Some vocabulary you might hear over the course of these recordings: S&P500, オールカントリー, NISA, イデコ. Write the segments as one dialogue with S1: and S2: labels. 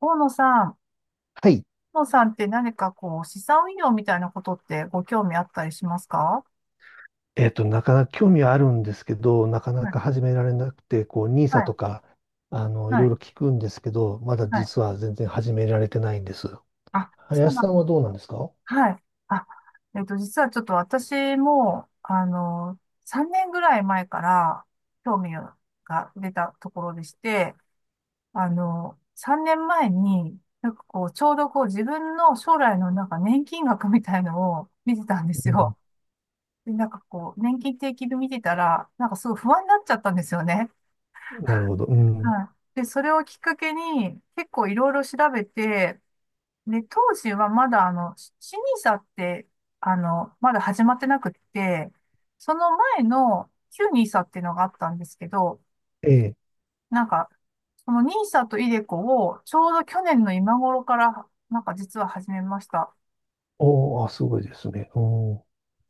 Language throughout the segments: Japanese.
S1: 大野さん、
S2: はい。
S1: 大野さんって、何かこう、資産運用みたいなことってご興味あったりしますか？
S2: なかなか興味はあるんですけど、なかな
S1: はい、
S2: か始められなくて、こう、
S1: は
S2: NISA
S1: い、
S2: とか、い
S1: は
S2: ろい
S1: い、
S2: ろ聞くんですけど、まだ
S1: はい。
S2: 実は全然始められてないんです。
S1: あ、そう
S2: 林
S1: なん
S2: さん
S1: で
S2: は
S1: す。
S2: どうなんですか？
S1: はい。あ、実はちょっと私も、3年ぐらい前から興味が出たところでして、3年前に、なんかこう、ちょうどこう、自分の将来のなんか年金額みたいのを見てたんです
S2: うん、
S1: よ。で、なんかこう、年金定期で見てたら、なんかすごい不安になっちゃったんですよね。
S2: なるほど。うん。
S1: はい。で、それをきっかけに、結構いろいろ調べて、で、当時はまだ、し n i って、まだ始まってなくって、その前の旧ニーサっていうのがあったんですけど、
S2: ええ。
S1: なんか、そのニーサとイデコを、ちょうど去年の今頃から、なんか実は始めました。
S2: おーあ、すごいですね。うん。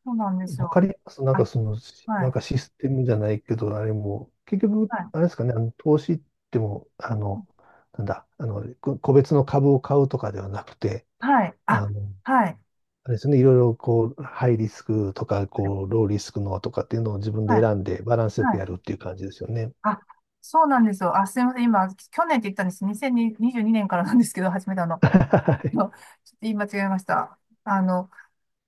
S1: そうなんです
S2: わ
S1: よ。
S2: かります。なんか
S1: あ、
S2: その、
S1: は
S2: なん
S1: い。
S2: かシステムじゃないけど、あれも、結局、
S1: はい。
S2: あれですかね、投資っても、なんだ、個別の株を買うとかではなくて、
S1: はい。あ、
S2: あの、
S1: はい。
S2: あれですね、いろいろこう、ハイリスクとか、
S1: は
S2: こう、
S1: い。
S2: ローリスクのとかっていうのを自分で
S1: はい。
S2: 選んでバランスよ
S1: は
S2: く
S1: い。
S2: やるっていう感じですよね。
S1: あ、そうなんですよ。あ、すみません。今、去年って言ったんです。2022年からなんですけど、始めたの。
S2: は い。
S1: のちょっと言い間違えました。あの、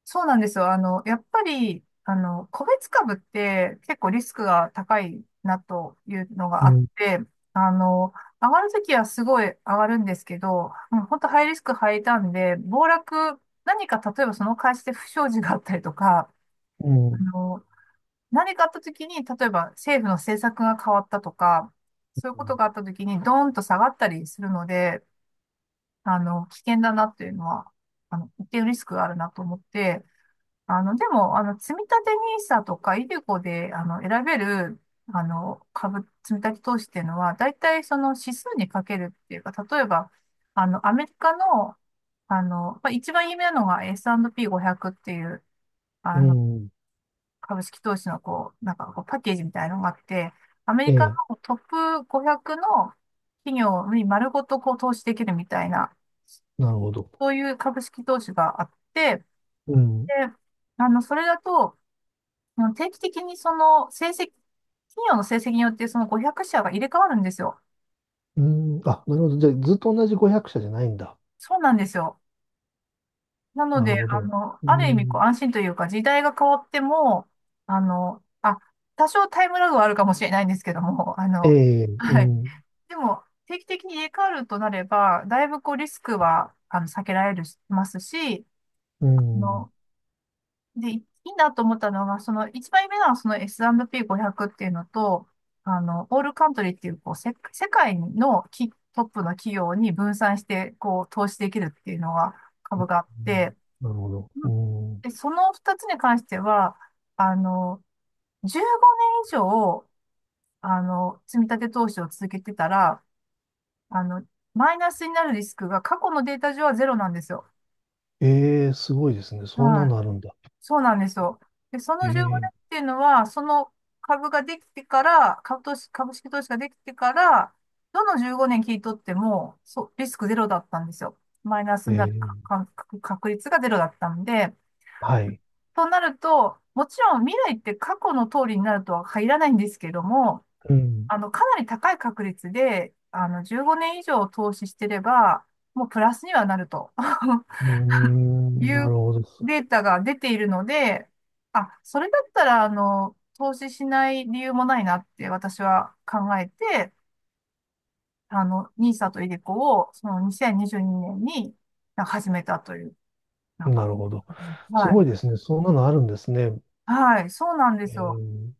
S1: そうなんですよ。やっぱり、個別株って結構リスクが高いなというの
S2: う
S1: があっ
S2: ん、
S1: て、あの、上がるときはすごい上がるんですけど、もう本当ハイリスクハイターンで、暴落、何か例えばその会社で不祥事があったりとか、
S2: う
S1: あ
S2: ん、
S1: の、何かあった時に、例えば政府の政策が変わったとか、そういう
S2: う
S1: こと
S2: ん、
S1: があった時にドーンと下がったりするので、危険だなっていうのは、一定のリスクがあるなと思って、でも、積立 NISA とかイデコで、選べる、株、積立投資っていうのは、大体その指数にかけるっていうか、例えば、アメリカの、まあ、一番有名なのが S&P500 っていう、
S2: う
S1: あの、
S2: ん、
S1: 株式投資のこう、なんかこうパッケージみたいなのがあって、アメ
S2: え
S1: リカ
S2: え、
S1: のトップ500の企業に丸ごとこう投資できるみたいな、
S2: なるほど。
S1: そういう株式投資があって、で、
S2: うん、
S1: それだと、定期的にその成績、企業の成績によってその500社が入れ替わるんですよ。
S2: うん、あ、なるほど。じゃあ、ずっと同じ500社じゃないんだ。
S1: そうなんですよ。なの
S2: なる
S1: で、
S2: ほど。う
S1: ある意味こう
S2: ん、
S1: 安心というか、時代が変わっても、あの、あ、多少タイムラグはあるかもしれないんですけども、
S2: ええ、う
S1: はい。
S2: ん、
S1: でも、定期的に入れ替わるとなれば、だいぶこうリスクは避けられるしますし、
S2: う
S1: あ
S2: ん、うん、
S1: の、で、いいなと思ったのが、その1枚目のその S&P500 っていうのと、オールカントリーっていうこう、世界のトップの企業に分散してこう投資できるっていうのが株があって、
S2: なるほど。
S1: うん。
S2: うん、
S1: で、その2つに関しては、あの、15年以上、積み立て投資を続けてたら、あの、マイナスになるリスクが過去のデータ上はゼロなんですよ。
S2: ええ、すごいですね。そんな
S1: はい。
S2: のあるんだ。
S1: そうなんですよ。で、そ
S2: え
S1: の15
S2: え、
S1: 年っていうのは、その株ができてから、株式投資ができてから、どの15年聞い取っても、そう、リスクゼロだったんですよ。マイナス
S2: え
S1: になるか
S2: え、
S1: か確率がゼロだったんで、
S2: はい。
S1: となると、もちろん未来って過去の通りになるとは限らないんですけども、
S2: うん、
S1: かなり高い確率で、15年以上投資してれば、もうプラスにはなると
S2: うー
S1: い
S2: ん、なる
S1: う
S2: ほど。
S1: データが出ているので、あ、それだったら、投資しない理由もないなって私は考えて、n i s とイデコを、その2022年にじゅうにねんになんか始めたという、なん
S2: な
S1: か、
S2: るほど。す
S1: は
S2: ご
S1: い。
S2: いですね。そんなのあるんですね。
S1: はい、そうなんで
S2: え
S1: すよ。
S2: ー、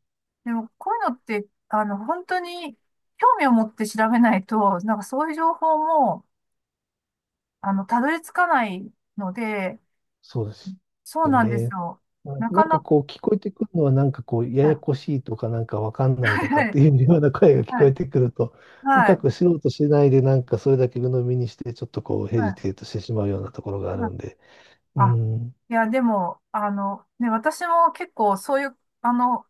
S1: でも、こういうのって、本当に興味を持って調べないと、なんかそういう情報も、たどり着かないので、
S2: そうです
S1: そう
S2: よ
S1: なんです
S2: ね。
S1: よ。
S2: な
S1: なか
S2: なん
S1: な
S2: か
S1: か、
S2: こう聞こえてくるのはなんかこうや
S1: は
S2: や
S1: い、
S2: こしいとかなんかわかんない
S1: は
S2: とかって
S1: い、
S2: いうような声が聞
S1: は
S2: こえ
S1: い、
S2: てくると、
S1: は
S2: 深
S1: い、
S2: く素人うとしないでなんかそれだけ鵜呑みにしてちょっとこうヘ
S1: は
S2: ジ
S1: い。
S2: テートしてしまうようなところがあ
S1: はい。
S2: るんで。う
S1: あ、
S2: ん、
S1: いや、でも、ね、私も結構そういう、あの、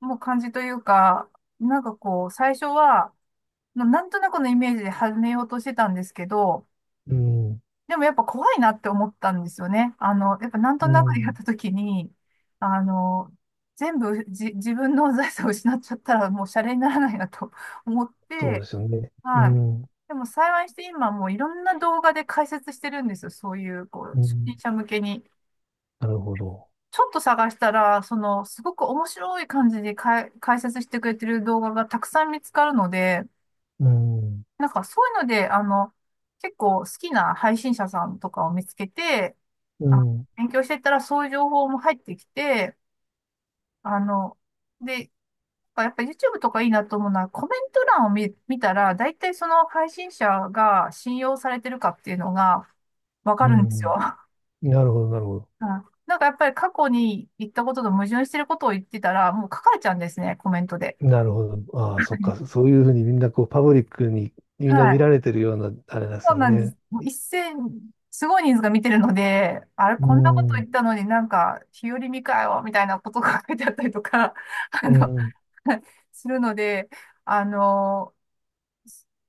S1: もう感じというか、なんかこう、最初は、なんとなくのイメージで始めようとしてたんですけど、
S2: うん、
S1: でもやっぱ怖いなって思ったんですよね。やっぱなんと
S2: う
S1: なくやっ
S2: ん。
S1: た時に、あの、全部、自分の財産を失っちゃったらもうシャレにならないなと思っ
S2: そうで
S1: て、
S2: すよね。う
S1: はい。
S2: ん、
S1: でも幸いして今もういろんな動画で解説してるんですよ。そういう、こう、
S2: う
S1: 初心
S2: ん。
S1: 者向けに。
S2: なるほど。
S1: ちょっと探したら、その、すごく面白い感じでかい解説してくれてる動画がたくさん見つかるので、
S2: うん、
S1: なんかそういうので、結構好きな配信者さんとかを見つけて、
S2: う
S1: あ、
S2: ん、
S1: 勉強していったらそういう情報も入ってきて、あの、で、あ、やっぱ YouTube とかいいなと思うのは、コメント欄を見たら、大体その配信者が信用されてるかっていうのがわ
S2: う
S1: かるんですよ。
S2: ん。なるほど、なるほど。
S1: うん、なんかやっぱり過去に言ったことと矛盾してることを言ってたら、もう書かれちゃうんですね、コメントで。
S2: なるほど。ああ、そっか。そういうふうにみんなこう、パブリックにみ
S1: は
S2: んな見られ
S1: い。
S2: てるような、あれなんで
S1: そ
S2: す
S1: う
S2: よ
S1: なんです。
S2: ね。
S1: もう一斉に、すごい人数が見てるので、あれ、
S2: う
S1: こんなこと言
S2: ん、
S1: ったのになんか、日和見かよ、みたいなことが書いてあったりとか、あ
S2: う
S1: の、
S2: ん、
S1: するので、あの、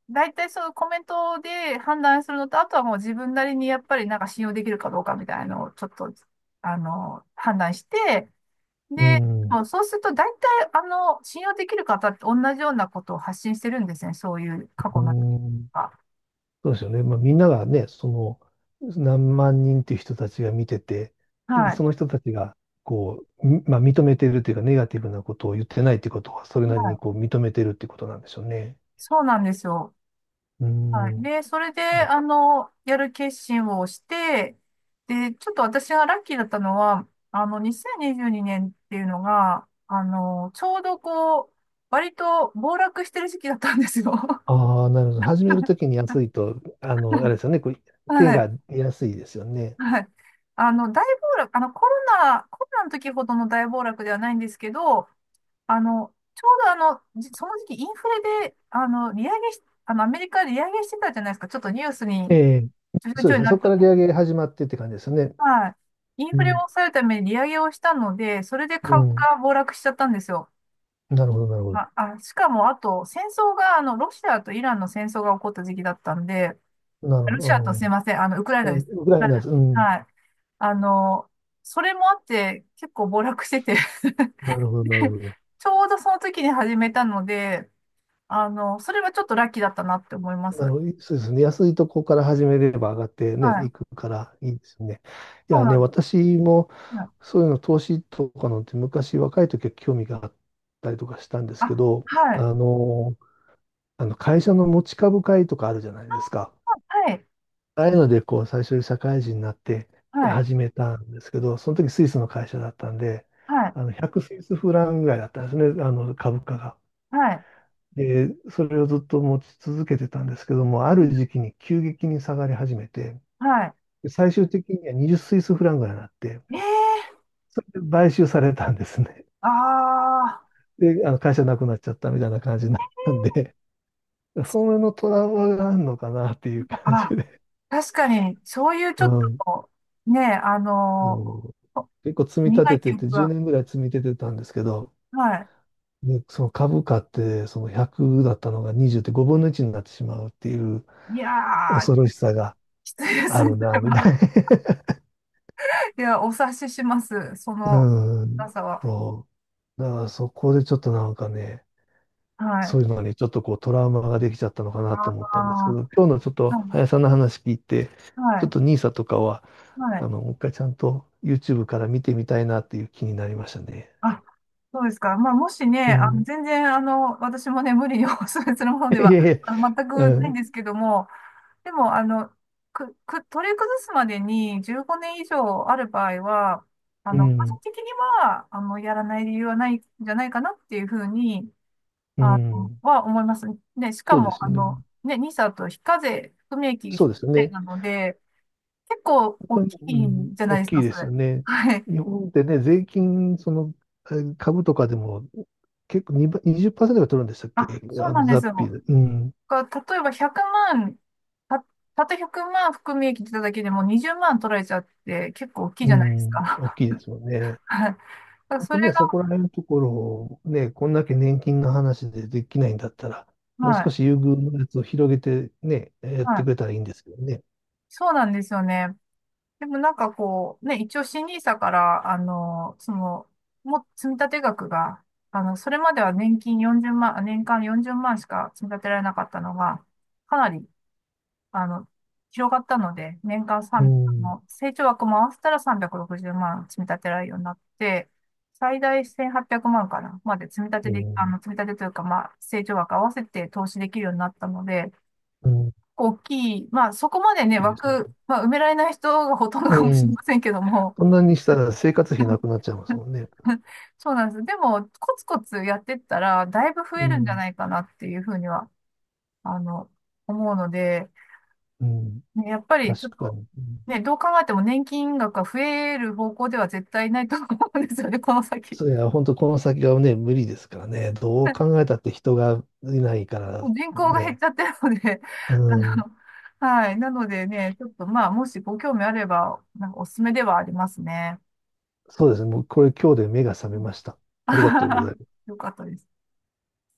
S1: 大体そのコメントで判断するのと、あとはもう自分なりにやっぱりなんか信用できるかどうかみたいなのをちょっと、判断して、
S2: う
S1: で、
S2: ん、
S1: もうそうすると大体信用できる方って同じようなことを発信してるんですね。そういう過
S2: う
S1: 去の。
S2: ん、
S1: あ、
S2: そうですよね。まあ、みんながね、その、何万人っていう人たちが見てて、
S1: はい。
S2: その人たちが、こう、みまあ、認めてるというか、ネガティブなことを言ってないってことは、それ
S1: は
S2: なりにこ
S1: い。
S2: う、認めてるってことなんでしょうね。
S1: そうなんですよ。
S2: う
S1: はい。
S2: ん。
S1: で、それで、
S2: な
S1: やる決心をして、で、ちょっと私がラッキーだったのは、2022年っていうのが、ちょうどこう、割と暴落してる時期だったんですよ。
S2: ああ、なるほど。始めるときに安いと、あれですよね。こう手
S1: はい。
S2: が安いですよね。
S1: はい。大暴落、コロナの時ほどの大暴落ではないんですけど、ちょうどその時期インフレで、利上げし、アメリカで利上げしてたじゃないですか。ちょっとニュース
S2: え
S1: に、
S2: え、
S1: ちょい
S2: そう
S1: ちょ
S2: で
S1: い
S2: すね。
S1: な
S2: そ
S1: って
S2: こから
S1: た。
S2: 利上げ始まってって感じですね。
S1: はい。イン
S2: う
S1: フレを
S2: ん。
S1: 抑えるために利上げをしたので、それで
S2: う
S1: 株
S2: ん。
S1: が暴落しちゃったんですよ。
S2: なるほど、なるほ
S1: ま
S2: ど。
S1: あ、あ、しかも、あと、戦争が、ロシアとイランの戦争が起こった時期だったんで、
S2: なるほ
S1: ロシアとすいません、ウクライ
S2: ど。
S1: ナ
S2: う
S1: で
S2: ん、
S1: す。
S2: ウクラ
S1: は
S2: イナです、う
S1: い。
S2: ん。
S1: はい。あの、それもあって、結構暴落してて
S2: なるほど、なるほど。
S1: ちょうどその時に始めたので、それはちょっとラッキーだったなって思いま
S2: なる
S1: す。
S2: ほど。そうですね。安いとこから始めれば上がって
S1: は
S2: ね、
S1: い。
S2: いくからいいですね。い
S1: そう
S2: や
S1: な
S2: ね、
S1: んです。
S2: 私も
S1: はい。
S2: そういうの投資とかのって昔若い時は興味があったりとかしたんですけ
S1: あ、
S2: ど、
S1: はい。
S2: あの、あの会社の持ち株会とかあるじゃないですか。
S1: はい。
S2: ああいうので、こう、最初に社会人になって
S1: はい。
S2: 始めたんですけど、その時スイスの会社だったんで、
S1: はい。
S2: 100スイスフランぐらいだったんですね、株価が。
S1: はい。
S2: で、それをずっと持ち続けてたんですけども、ある時期に急激に下がり始めて、
S1: はい。はい。
S2: で最終的には20スイスフランぐらいになって、
S1: ええ。
S2: それで買収されたんですね。
S1: ああ、
S2: で、会社なくなっちゃったみたいな感じになったんで、それのトラウマがあるのかなっていう感じ
S1: あ、
S2: で。
S1: 確かに、そういうち
S2: う
S1: ょっ
S2: ん。
S1: と、ねえ、
S2: そう
S1: お
S2: 結構積み立
S1: 苦
S2: て
S1: い記
S2: てて、
S1: 憶
S2: 10
S1: が、
S2: 年ぐらい積み立ててたんですけど、
S1: はい。
S2: で、その株価って、その100だったのが20って5分の1になってしまうっていう
S1: いやー、
S2: 恐ろしさが
S1: きついで
S2: あ
S1: すね、
S2: る
S1: そ
S2: な、
S1: れ
S2: みたい
S1: は。
S2: な。
S1: いや、お察しします、そ の
S2: う
S1: 辛
S2: ん。
S1: さは。
S2: そう。だからそこでちょっとなんかね、
S1: はい。
S2: そういうのにちょっとこうトラウマができちゃったのかなと思
S1: あ
S2: ったんですけど、今日のちょっ
S1: あ、は
S2: と
S1: い、
S2: 林さんの話聞いて、
S1: は
S2: ちょっ
S1: い、
S2: とニーサとかは、
S1: はい。
S2: もう一回ちゃんと YouTube から見てみたいなっていう気になりましたね。
S1: あ、そうですか。まあ、もしね、
S2: うん。
S1: 全然、私もね、無理にお勧めするもので
S2: いえい
S1: は、
S2: え。
S1: 全
S2: う
S1: くないん
S2: ん。
S1: ですけども、でも、取り崩すまでに15年以上ある場合は、
S2: う
S1: 個人
S2: ん。
S1: 的には、やらない理由はないんじゃないかなっていうふうに、
S2: うん。
S1: は思います。ね、しか
S2: そうで
S1: も、
S2: すうようね。ん。
S1: ね、ニ i s と非課税、含み益が非
S2: そう
S1: 課
S2: ですよ
S1: 税
S2: ね。
S1: なので、結構大
S2: 本
S1: き
S2: 当に、う
S1: い
S2: ん。
S1: んじゃない
S2: 大
S1: です
S2: きい
S1: か、そ
S2: ですよ
S1: れ。
S2: ね。
S1: はい。
S2: 日本ってね、税金、その、株とかでも結構2ばにじゅっパーセントが取るんでしたっけ、
S1: あ、そうなんで
S2: 雑
S1: す
S2: 費
S1: よ。
S2: で。うん。
S1: が例えば100万、た、たった100万含み益出ただけでも20万取られちゃって結構大きい
S2: う
S1: じゃないです
S2: ん。大
S1: か。
S2: きいですよね。
S1: はい。だから
S2: 本
S1: そ
S2: 当
S1: れ
S2: ね、
S1: が、
S2: そこら辺のところをね、こんだけ年金の話でできないんだったら、もう
S1: は
S2: 少し
S1: い。
S2: 優遇のやつを広げてね、やっ
S1: は
S2: て
S1: い。
S2: くれたらいいんですけどね。
S1: そうなんですよね。でもなんかこう、ね、一応新入社から、その、積立額が、それまでは年金40万、あ、年間40万しか積み立てられなかったのが、かなり、あの、広がったので、年間
S2: う
S1: 3、
S2: ん。
S1: 成長額も合わせたら360万積み立てられるようになって、最大1800万かな、まで積み立
S2: う
S1: てで、
S2: ん。
S1: 積み立てというか、まあ、成長額合わせて投資できるようになったので、
S2: うん。
S1: 構大きい。まあ、そこまでね、
S2: いいですね。
S1: 枠、まあ、埋められない人がほとんど
S2: う
S1: かもしれ
S2: ん、
S1: ませんけども。
S2: そんなにしたら生活費なく なっちゃいますもんね。
S1: そうなんです。でも、コツコツやってったら、だいぶ増
S2: う
S1: えるんじゃ
S2: ん。
S1: ないかなっていうふうには、あの、思うので、
S2: うん。
S1: ね、やっぱりち
S2: 確
S1: ょっ
S2: か
S1: と、
S2: に。うん、
S1: ね、どう考えても年金額が増える方向では絶対ないと思うんですよね、この先。
S2: そういや、本当この先がね、無理ですからね。どう 考えたって人がいないか
S1: も
S2: ら
S1: う人口が減っ
S2: ね。
S1: ちゃってるので、
S2: う
S1: あの、
S2: ん。
S1: はい。なのでね、ちょっとまあ、もしご興味あれば、なんかおすすめではありますね。
S2: そうですね。もうこれ今日で目が覚めました。
S1: あ
S2: ありが
S1: は
S2: とうご
S1: は
S2: ざ
S1: は、
S2: います。
S1: よかったです。